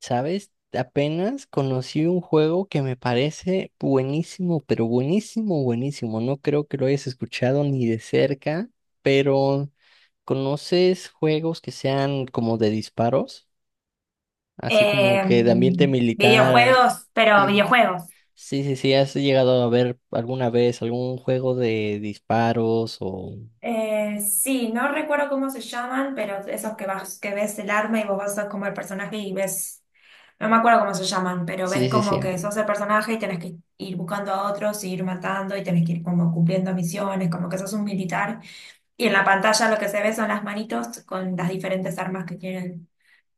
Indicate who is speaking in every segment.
Speaker 1: ¿Sabes? Apenas conocí un juego que me parece buenísimo, pero buenísimo, buenísimo. No creo que lo hayas escuchado ni de cerca, pero ¿conoces juegos que sean como de disparos? Así como
Speaker 2: Eh,
Speaker 1: que de ambiente militar.
Speaker 2: Videojuegos, pero
Speaker 1: Sí,
Speaker 2: videojuegos.
Speaker 1: sí, sí, sí, ¿has llegado a ver alguna vez algún juego de disparos o...
Speaker 2: Sí, no recuerdo cómo se llaman, pero esos que vas, que ves el arma y vos vas como el personaje y ves, no me acuerdo cómo se llaman, pero ves
Speaker 1: Sí, sí,
Speaker 2: como
Speaker 1: sí.
Speaker 2: que sos el personaje y tenés que ir buscando a otros, y ir matando y tenés que ir como cumpliendo misiones, como que sos un militar. Y en la pantalla lo que se ve son las manitos con las diferentes armas que tienen,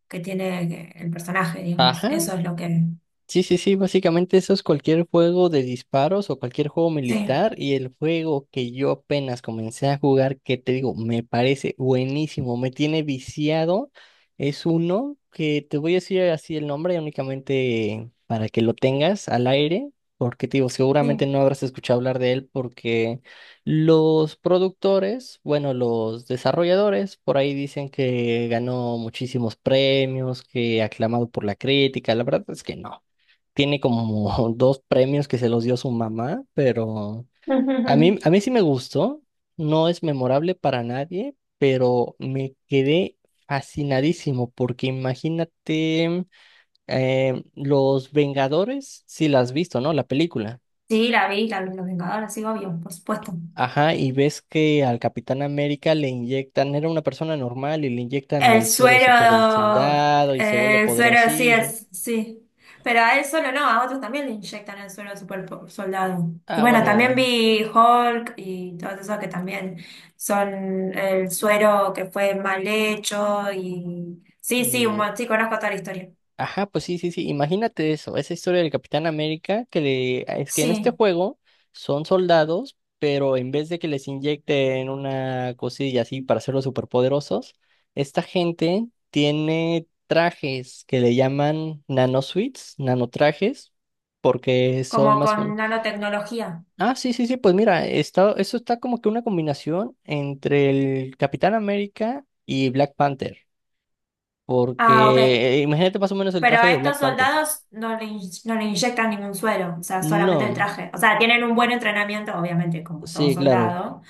Speaker 2: que tiene el personaje, digamos.
Speaker 1: Ajá.
Speaker 2: Eso es lo que...
Speaker 1: Sí, sí, sí, básicamente eso es cualquier juego de disparos o cualquier juego
Speaker 2: Sí,
Speaker 1: militar y el juego que yo apenas comencé a jugar, que te digo, me parece buenísimo, me tiene viciado, es uno que te voy a decir así el nombre únicamente para que lo tengas al aire, porque te digo, seguramente
Speaker 2: sí.
Speaker 1: no habrás escuchado hablar de él porque los productores, bueno, los desarrolladores por ahí dicen que ganó muchísimos premios, que aclamado por la crítica, la verdad es que no tiene como dos premios que se los dio su mamá, pero a mí sí me gustó, no es memorable para nadie, pero me quedé fascinadísimo porque imagínate Los Vengadores, si la has visto, ¿no? La película.
Speaker 2: Sí, la vi, la, Los Vengadores, sí, obvio, por supuesto.
Speaker 1: Ajá, y ves que al Capitán América le inyectan, era una persona normal y le inyectan
Speaker 2: El
Speaker 1: el suero de super
Speaker 2: suero,
Speaker 1: soldado y se vuelve
Speaker 2: el suero sí
Speaker 1: poderosísimo.
Speaker 2: es, sí. Pero a él solo no, a otros también le inyectan el suero de soldado. Y
Speaker 1: Ah,
Speaker 2: bueno, también
Speaker 1: bueno,
Speaker 2: vi Hulk y todos esos que también son el suero que fue mal hecho y sí, sí,
Speaker 1: y
Speaker 2: sí, conozco toda la historia.
Speaker 1: Ajá, pues sí, sí, sí. Imagínate eso, esa historia del Capitán América, es que en este
Speaker 2: Sí,
Speaker 1: juego son soldados, pero en vez de que les inyecten una cosilla así para hacerlos superpoderosos, esta gente tiene trajes que le llaman nanosuits, nanotrajes, porque son
Speaker 2: como
Speaker 1: más.
Speaker 2: con nanotecnología.
Speaker 1: Ah, sí, sí, sí, pues mira, eso está como que una combinación entre el Capitán América y Black Panther,
Speaker 2: Ah, ok.
Speaker 1: porque imagínate más o menos el
Speaker 2: Pero
Speaker 1: traje
Speaker 2: a
Speaker 1: de Black
Speaker 2: estos
Speaker 1: Panther.
Speaker 2: soldados no le inyectan ningún suero, o sea, solamente el
Speaker 1: No,
Speaker 2: traje. O sea, tienen un buen entrenamiento, obviamente, como todo
Speaker 1: sí, claro.
Speaker 2: soldado,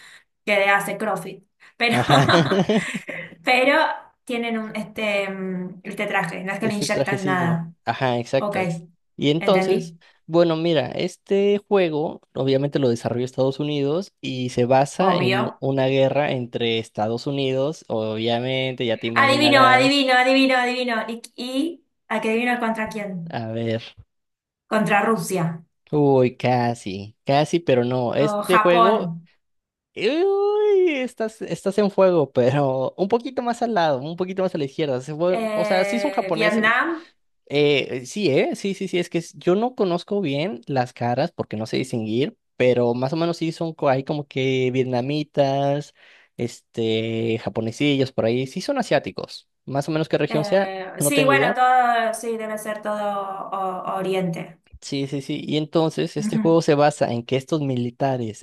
Speaker 2: que hace CrossFit. Pero,
Speaker 1: Ajá.
Speaker 2: pero tienen este traje, no es que le
Speaker 1: Ese
Speaker 2: inyectan
Speaker 1: trajecillo.
Speaker 2: nada.
Speaker 1: Ajá,
Speaker 2: Ok,
Speaker 1: exacto. Y entonces,
Speaker 2: entendí.
Speaker 1: bueno, mira, este juego obviamente lo desarrolló Estados Unidos y se basa en
Speaker 2: Obvio.
Speaker 1: una guerra entre Estados Unidos, obviamente, ya te
Speaker 2: Adivino,
Speaker 1: imaginarás.
Speaker 2: adivino, adivino, adivino. ¿Y, a qué adivino contra quién?
Speaker 1: A ver.
Speaker 2: Contra Rusia,
Speaker 1: Uy, casi, casi, pero no.
Speaker 2: o
Speaker 1: Este juego,
Speaker 2: Japón,
Speaker 1: uy, estás en fuego, pero un poquito más al lado, un poquito más a la izquierda. O sea, sí son japoneses.
Speaker 2: Vietnam.
Speaker 1: Sí, ¿eh? Sí, sí, sí, yo no conozco bien las caras porque no sé distinguir, pero más o menos sí son, hay como que vietnamitas, este, japonesillos por ahí, sí son asiáticos, más o menos qué región sea, no
Speaker 2: Sí,
Speaker 1: tengo
Speaker 2: bueno,
Speaker 1: idea.
Speaker 2: todo, sí, debe ser Oriente.
Speaker 1: Sí, sí, sí. Y entonces este
Speaker 2: Ujú.
Speaker 1: juego se basa en que estos militares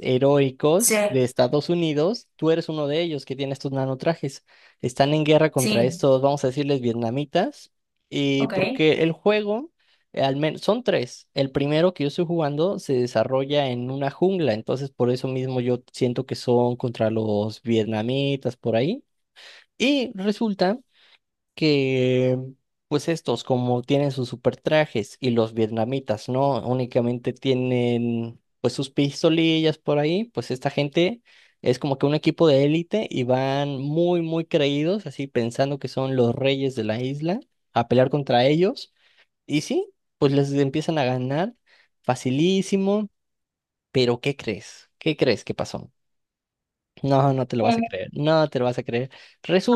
Speaker 2: Sí,
Speaker 1: heroicos de Estados Unidos, tú eres uno de ellos que tiene estos nanotrajes, están en guerra contra
Speaker 2: sí,
Speaker 1: estos, vamos a decirles, vietnamitas. Y
Speaker 2: ok.
Speaker 1: porque el juego, al menos, son tres. El primero que yo estoy jugando se desarrolla en una jungla, entonces por eso mismo yo siento que son contra los vietnamitas por ahí. Y resulta que pues estos como tienen sus super trajes y los vietnamitas no únicamente tienen pues sus pistolillas por ahí, pues esta gente es como que un equipo de élite y van muy muy creídos, así pensando que son los reyes de la isla a pelear contra ellos y sí, pues les empiezan a ganar facilísimo, pero ¿qué crees? ¿Qué crees que pasó? No, no te lo vas a creer, no te lo vas a creer.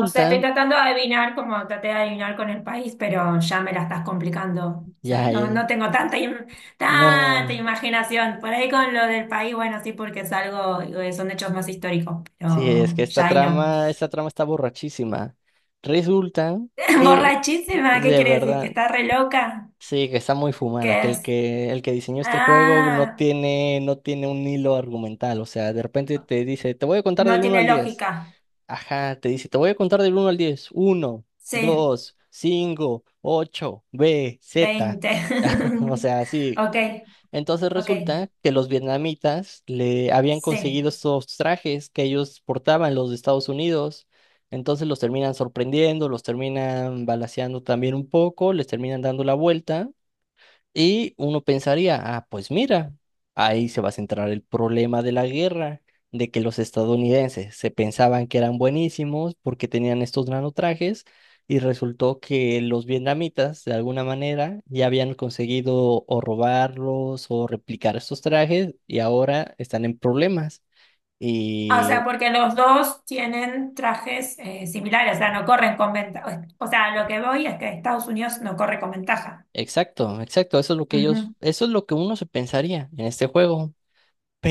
Speaker 2: No sé, estoy tratando de adivinar, como traté de adivinar con el país, pero ya me la estás complicando. O sea,
Speaker 1: ya,
Speaker 2: no,
Speaker 1: ya,
Speaker 2: no tengo tanta
Speaker 1: no.
Speaker 2: imaginación. Por ahí con lo del país, bueno, sí, porque es algo, son hechos más históricos,
Speaker 1: Sí, es
Speaker 2: pero
Speaker 1: que
Speaker 2: ya ahí no.
Speaker 1: esta trama está borrachísima. Resulta que
Speaker 2: Borrachísima, ¿qué
Speaker 1: de
Speaker 2: quiere decir? ¿Que
Speaker 1: verdad,
Speaker 2: está re loca?
Speaker 1: sí, que está muy fumada,
Speaker 2: ¿Qué
Speaker 1: que el
Speaker 2: es?
Speaker 1: que el que diseñó este juego no
Speaker 2: Ah,
Speaker 1: tiene no tiene un hilo argumental, o sea, de repente te dice, "Te voy a contar
Speaker 2: no
Speaker 1: del uno
Speaker 2: tiene
Speaker 1: al diez.
Speaker 2: lógica.
Speaker 1: Ajá, te dice, "Te voy a contar del uno al diez. Uno,
Speaker 2: Sí.
Speaker 1: dos, cinco, ocho, B, Z.
Speaker 2: 20.
Speaker 1: O sea, sí,
Speaker 2: Ok,
Speaker 1: entonces
Speaker 2: ok,
Speaker 1: resulta que los vietnamitas le habían
Speaker 2: sí.
Speaker 1: conseguido estos trajes que ellos portaban los de Estados Unidos. Entonces los terminan sorprendiendo, los terminan balaceando también un poco, les terminan dando la vuelta. Y uno pensaría, ah, pues mira, ahí se va a centrar el problema de la guerra, de que los estadounidenses se pensaban que eran buenísimos porque tenían estos nanotrajes y resultó que los vietnamitas, de alguna manera, ya habían conseguido o robarlos o replicar estos trajes y ahora están en problemas.
Speaker 2: Ah, o
Speaker 1: Y
Speaker 2: sea, porque los dos tienen trajes similares, o sea, no corren con ventaja. O sea, lo que voy es que Estados Unidos no corre con ventaja.
Speaker 1: exacto, exacto, eso es lo que ellos,
Speaker 2: Ujú.
Speaker 1: eso es lo que uno se pensaría en este juego.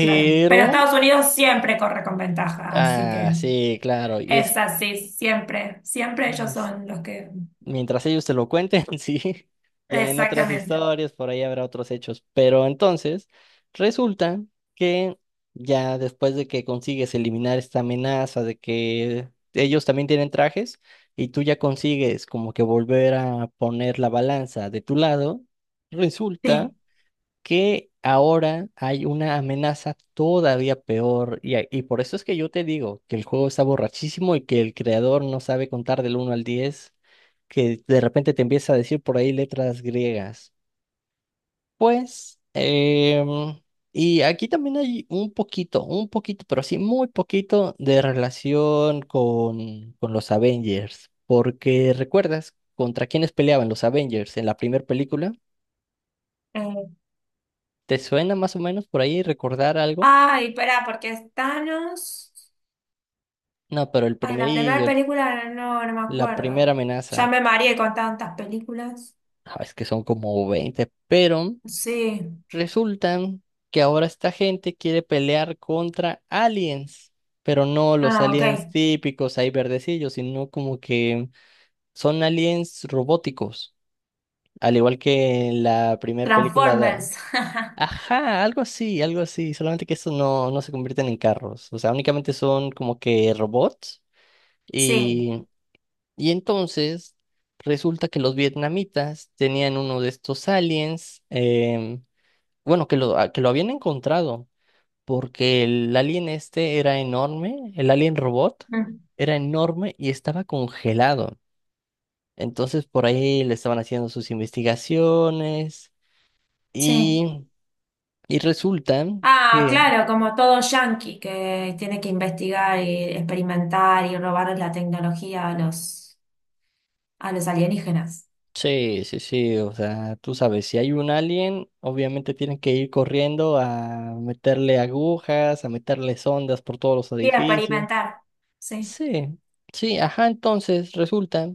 Speaker 2: Claro, pero Estados Unidos siempre corre con ventaja, así
Speaker 1: ah,
Speaker 2: que
Speaker 1: sí, claro, y es.
Speaker 2: es así, siempre, siempre ellos son los que...
Speaker 1: Mientras ellos te lo cuenten, sí, ya en otras
Speaker 2: Exactamente,
Speaker 1: historias por ahí habrá otros hechos. Pero entonces, resulta que ya después de que consigues eliminar esta amenaza de que ellos también tienen trajes y tú ya consigues como que volver a poner la balanza de tu lado, resulta
Speaker 2: sí.
Speaker 1: que ahora hay una amenaza todavía peor y por eso es que yo te digo que el juego está borrachísimo y que el creador no sabe contar del uno al 10 que de repente te empieza a decir por ahí letras griegas. Pues, em, y aquí también hay un poquito, pero sí muy poquito de relación con, los Avengers, porque recuerdas contra quiénes peleaban los Avengers en la primera película.
Speaker 2: Eh,
Speaker 1: ¿Te suena más o menos por ahí recordar algo?
Speaker 2: Ay, pará, porque es Thanos.
Speaker 1: No, pero
Speaker 2: Ah, en la primera película no, no me
Speaker 1: la primera
Speaker 2: acuerdo. Ya
Speaker 1: amenaza,
Speaker 2: me mareé con tantas películas.
Speaker 1: ah, es que son como 20, pero
Speaker 2: Sí.
Speaker 1: resultan que ahora esta gente quiere pelear contra aliens, pero no los
Speaker 2: Ah,
Speaker 1: aliens
Speaker 2: ok.
Speaker 1: típicos ahí verdecillos, sino como que son aliens robóticos, al igual que en la primera película
Speaker 2: Transformers.
Speaker 1: Ajá, algo así, solamente que estos no, no se convierten en carros, o sea, únicamente son como que robots.
Speaker 2: Sí.
Speaker 1: Y entonces resulta que los vietnamitas tenían uno de estos aliens, bueno, que lo habían encontrado, porque el alien este era enorme, el alien robot
Speaker 2: Mm,
Speaker 1: era enorme y estaba congelado. Entonces por ahí le estaban haciendo sus investigaciones
Speaker 2: sí.
Speaker 1: y, y resulta
Speaker 2: Ah,
Speaker 1: que
Speaker 2: claro, como todo yankee que tiene que investigar y experimentar y robar la tecnología a los alienígenas.
Speaker 1: sí, sí, sí, o sea, tú sabes, si hay un alien, obviamente tienen que ir corriendo a meterle agujas, a meterle sondas por todos los
Speaker 2: Sí,
Speaker 1: edificios.
Speaker 2: experimentar. Sí,
Speaker 1: Sí, sí, ajá, entonces resulta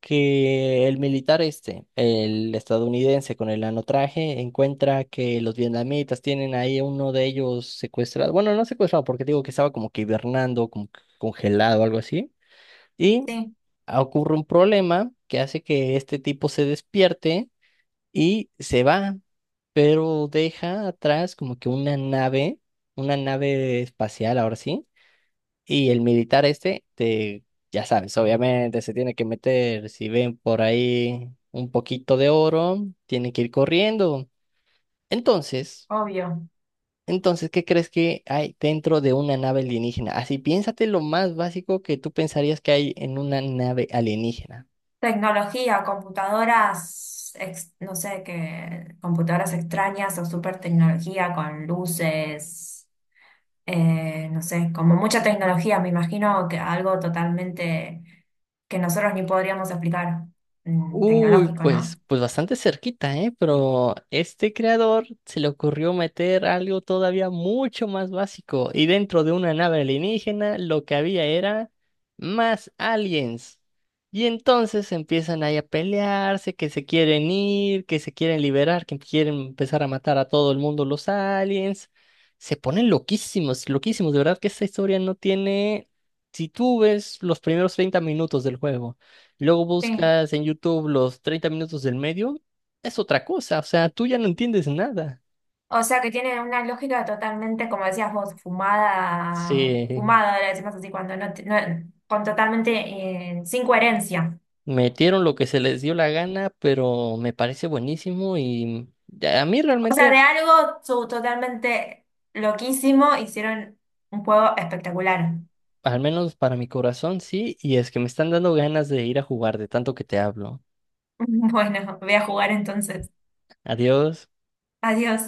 Speaker 1: que el militar este, el estadounidense con el anotraje, encuentra que los vietnamitas tienen ahí a uno de ellos secuestrado, bueno, no secuestrado, porque digo que estaba como que hibernando, como que congelado, algo así, y
Speaker 2: sí,
Speaker 1: ocurre un problema que hace que este tipo se despierte y se va, pero deja atrás como que una nave espacial, ahora sí, y el militar este, ya sabes, obviamente se tiene que meter, si ven por ahí un poquito de oro, tiene que ir corriendo. Entonces,
Speaker 2: obvio.
Speaker 1: ¿qué crees que hay dentro de una nave alienígena? Así, piénsate lo más básico que tú pensarías que hay en una nave alienígena.
Speaker 2: Tecnología, computadoras, no sé qué, computadoras extrañas o super tecnología con luces, no sé, como mucha tecnología, me imagino que algo totalmente que nosotros ni podríamos explicar, mm,
Speaker 1: Uy,
Speaker 2: tecnológico, ¿no?
Speaker 1: pues, pues bastante cerquita, ¿eh? Pero este creador se le ocurrió meter algo todavía mucho más básico. Y dentro de una nave alienígena, lo que había era más aliens. Y entonces empiezan ahí a pelearse, que se quieren ir, que se quieren liberar, que quieren empezar a matar a todo el mundo los aliens. Se ponen loquísimos, loquísimos. De verdad que esta historia no tiene. Si tú ves los primeros 30 minutos del juego. Luego
Speaker 2: Sí.
Speaker 1: buscas en YouTube los 30 minutos del medio, es otra cosa, o sea, tú ya no entiendes nada.
Speaker 2: O sea que tiene una lógica totalmente, como decías vos, fumada,
Speaker 1: Se
Speaker 2: fumada, le decimos así, cuando no, con totalmente, sin coherencia.
Speaker 1: metieron lo que se les dio la gana, pero me parece buenísimo y a mí
Speaker 2: O sea,
Speaker 1: realmente,
Speaker 2: totalmente loquísimo hicieron un juego espectacular.
Speaker 1: al menos para mi corazón, sí, y es que me están dando ganas de ir a jugar de tanto que te hablo.
Speaker 2: Bueno, voy a jugar entonces.
Speaker 1: Adiós.
Speaker 2: Adiós.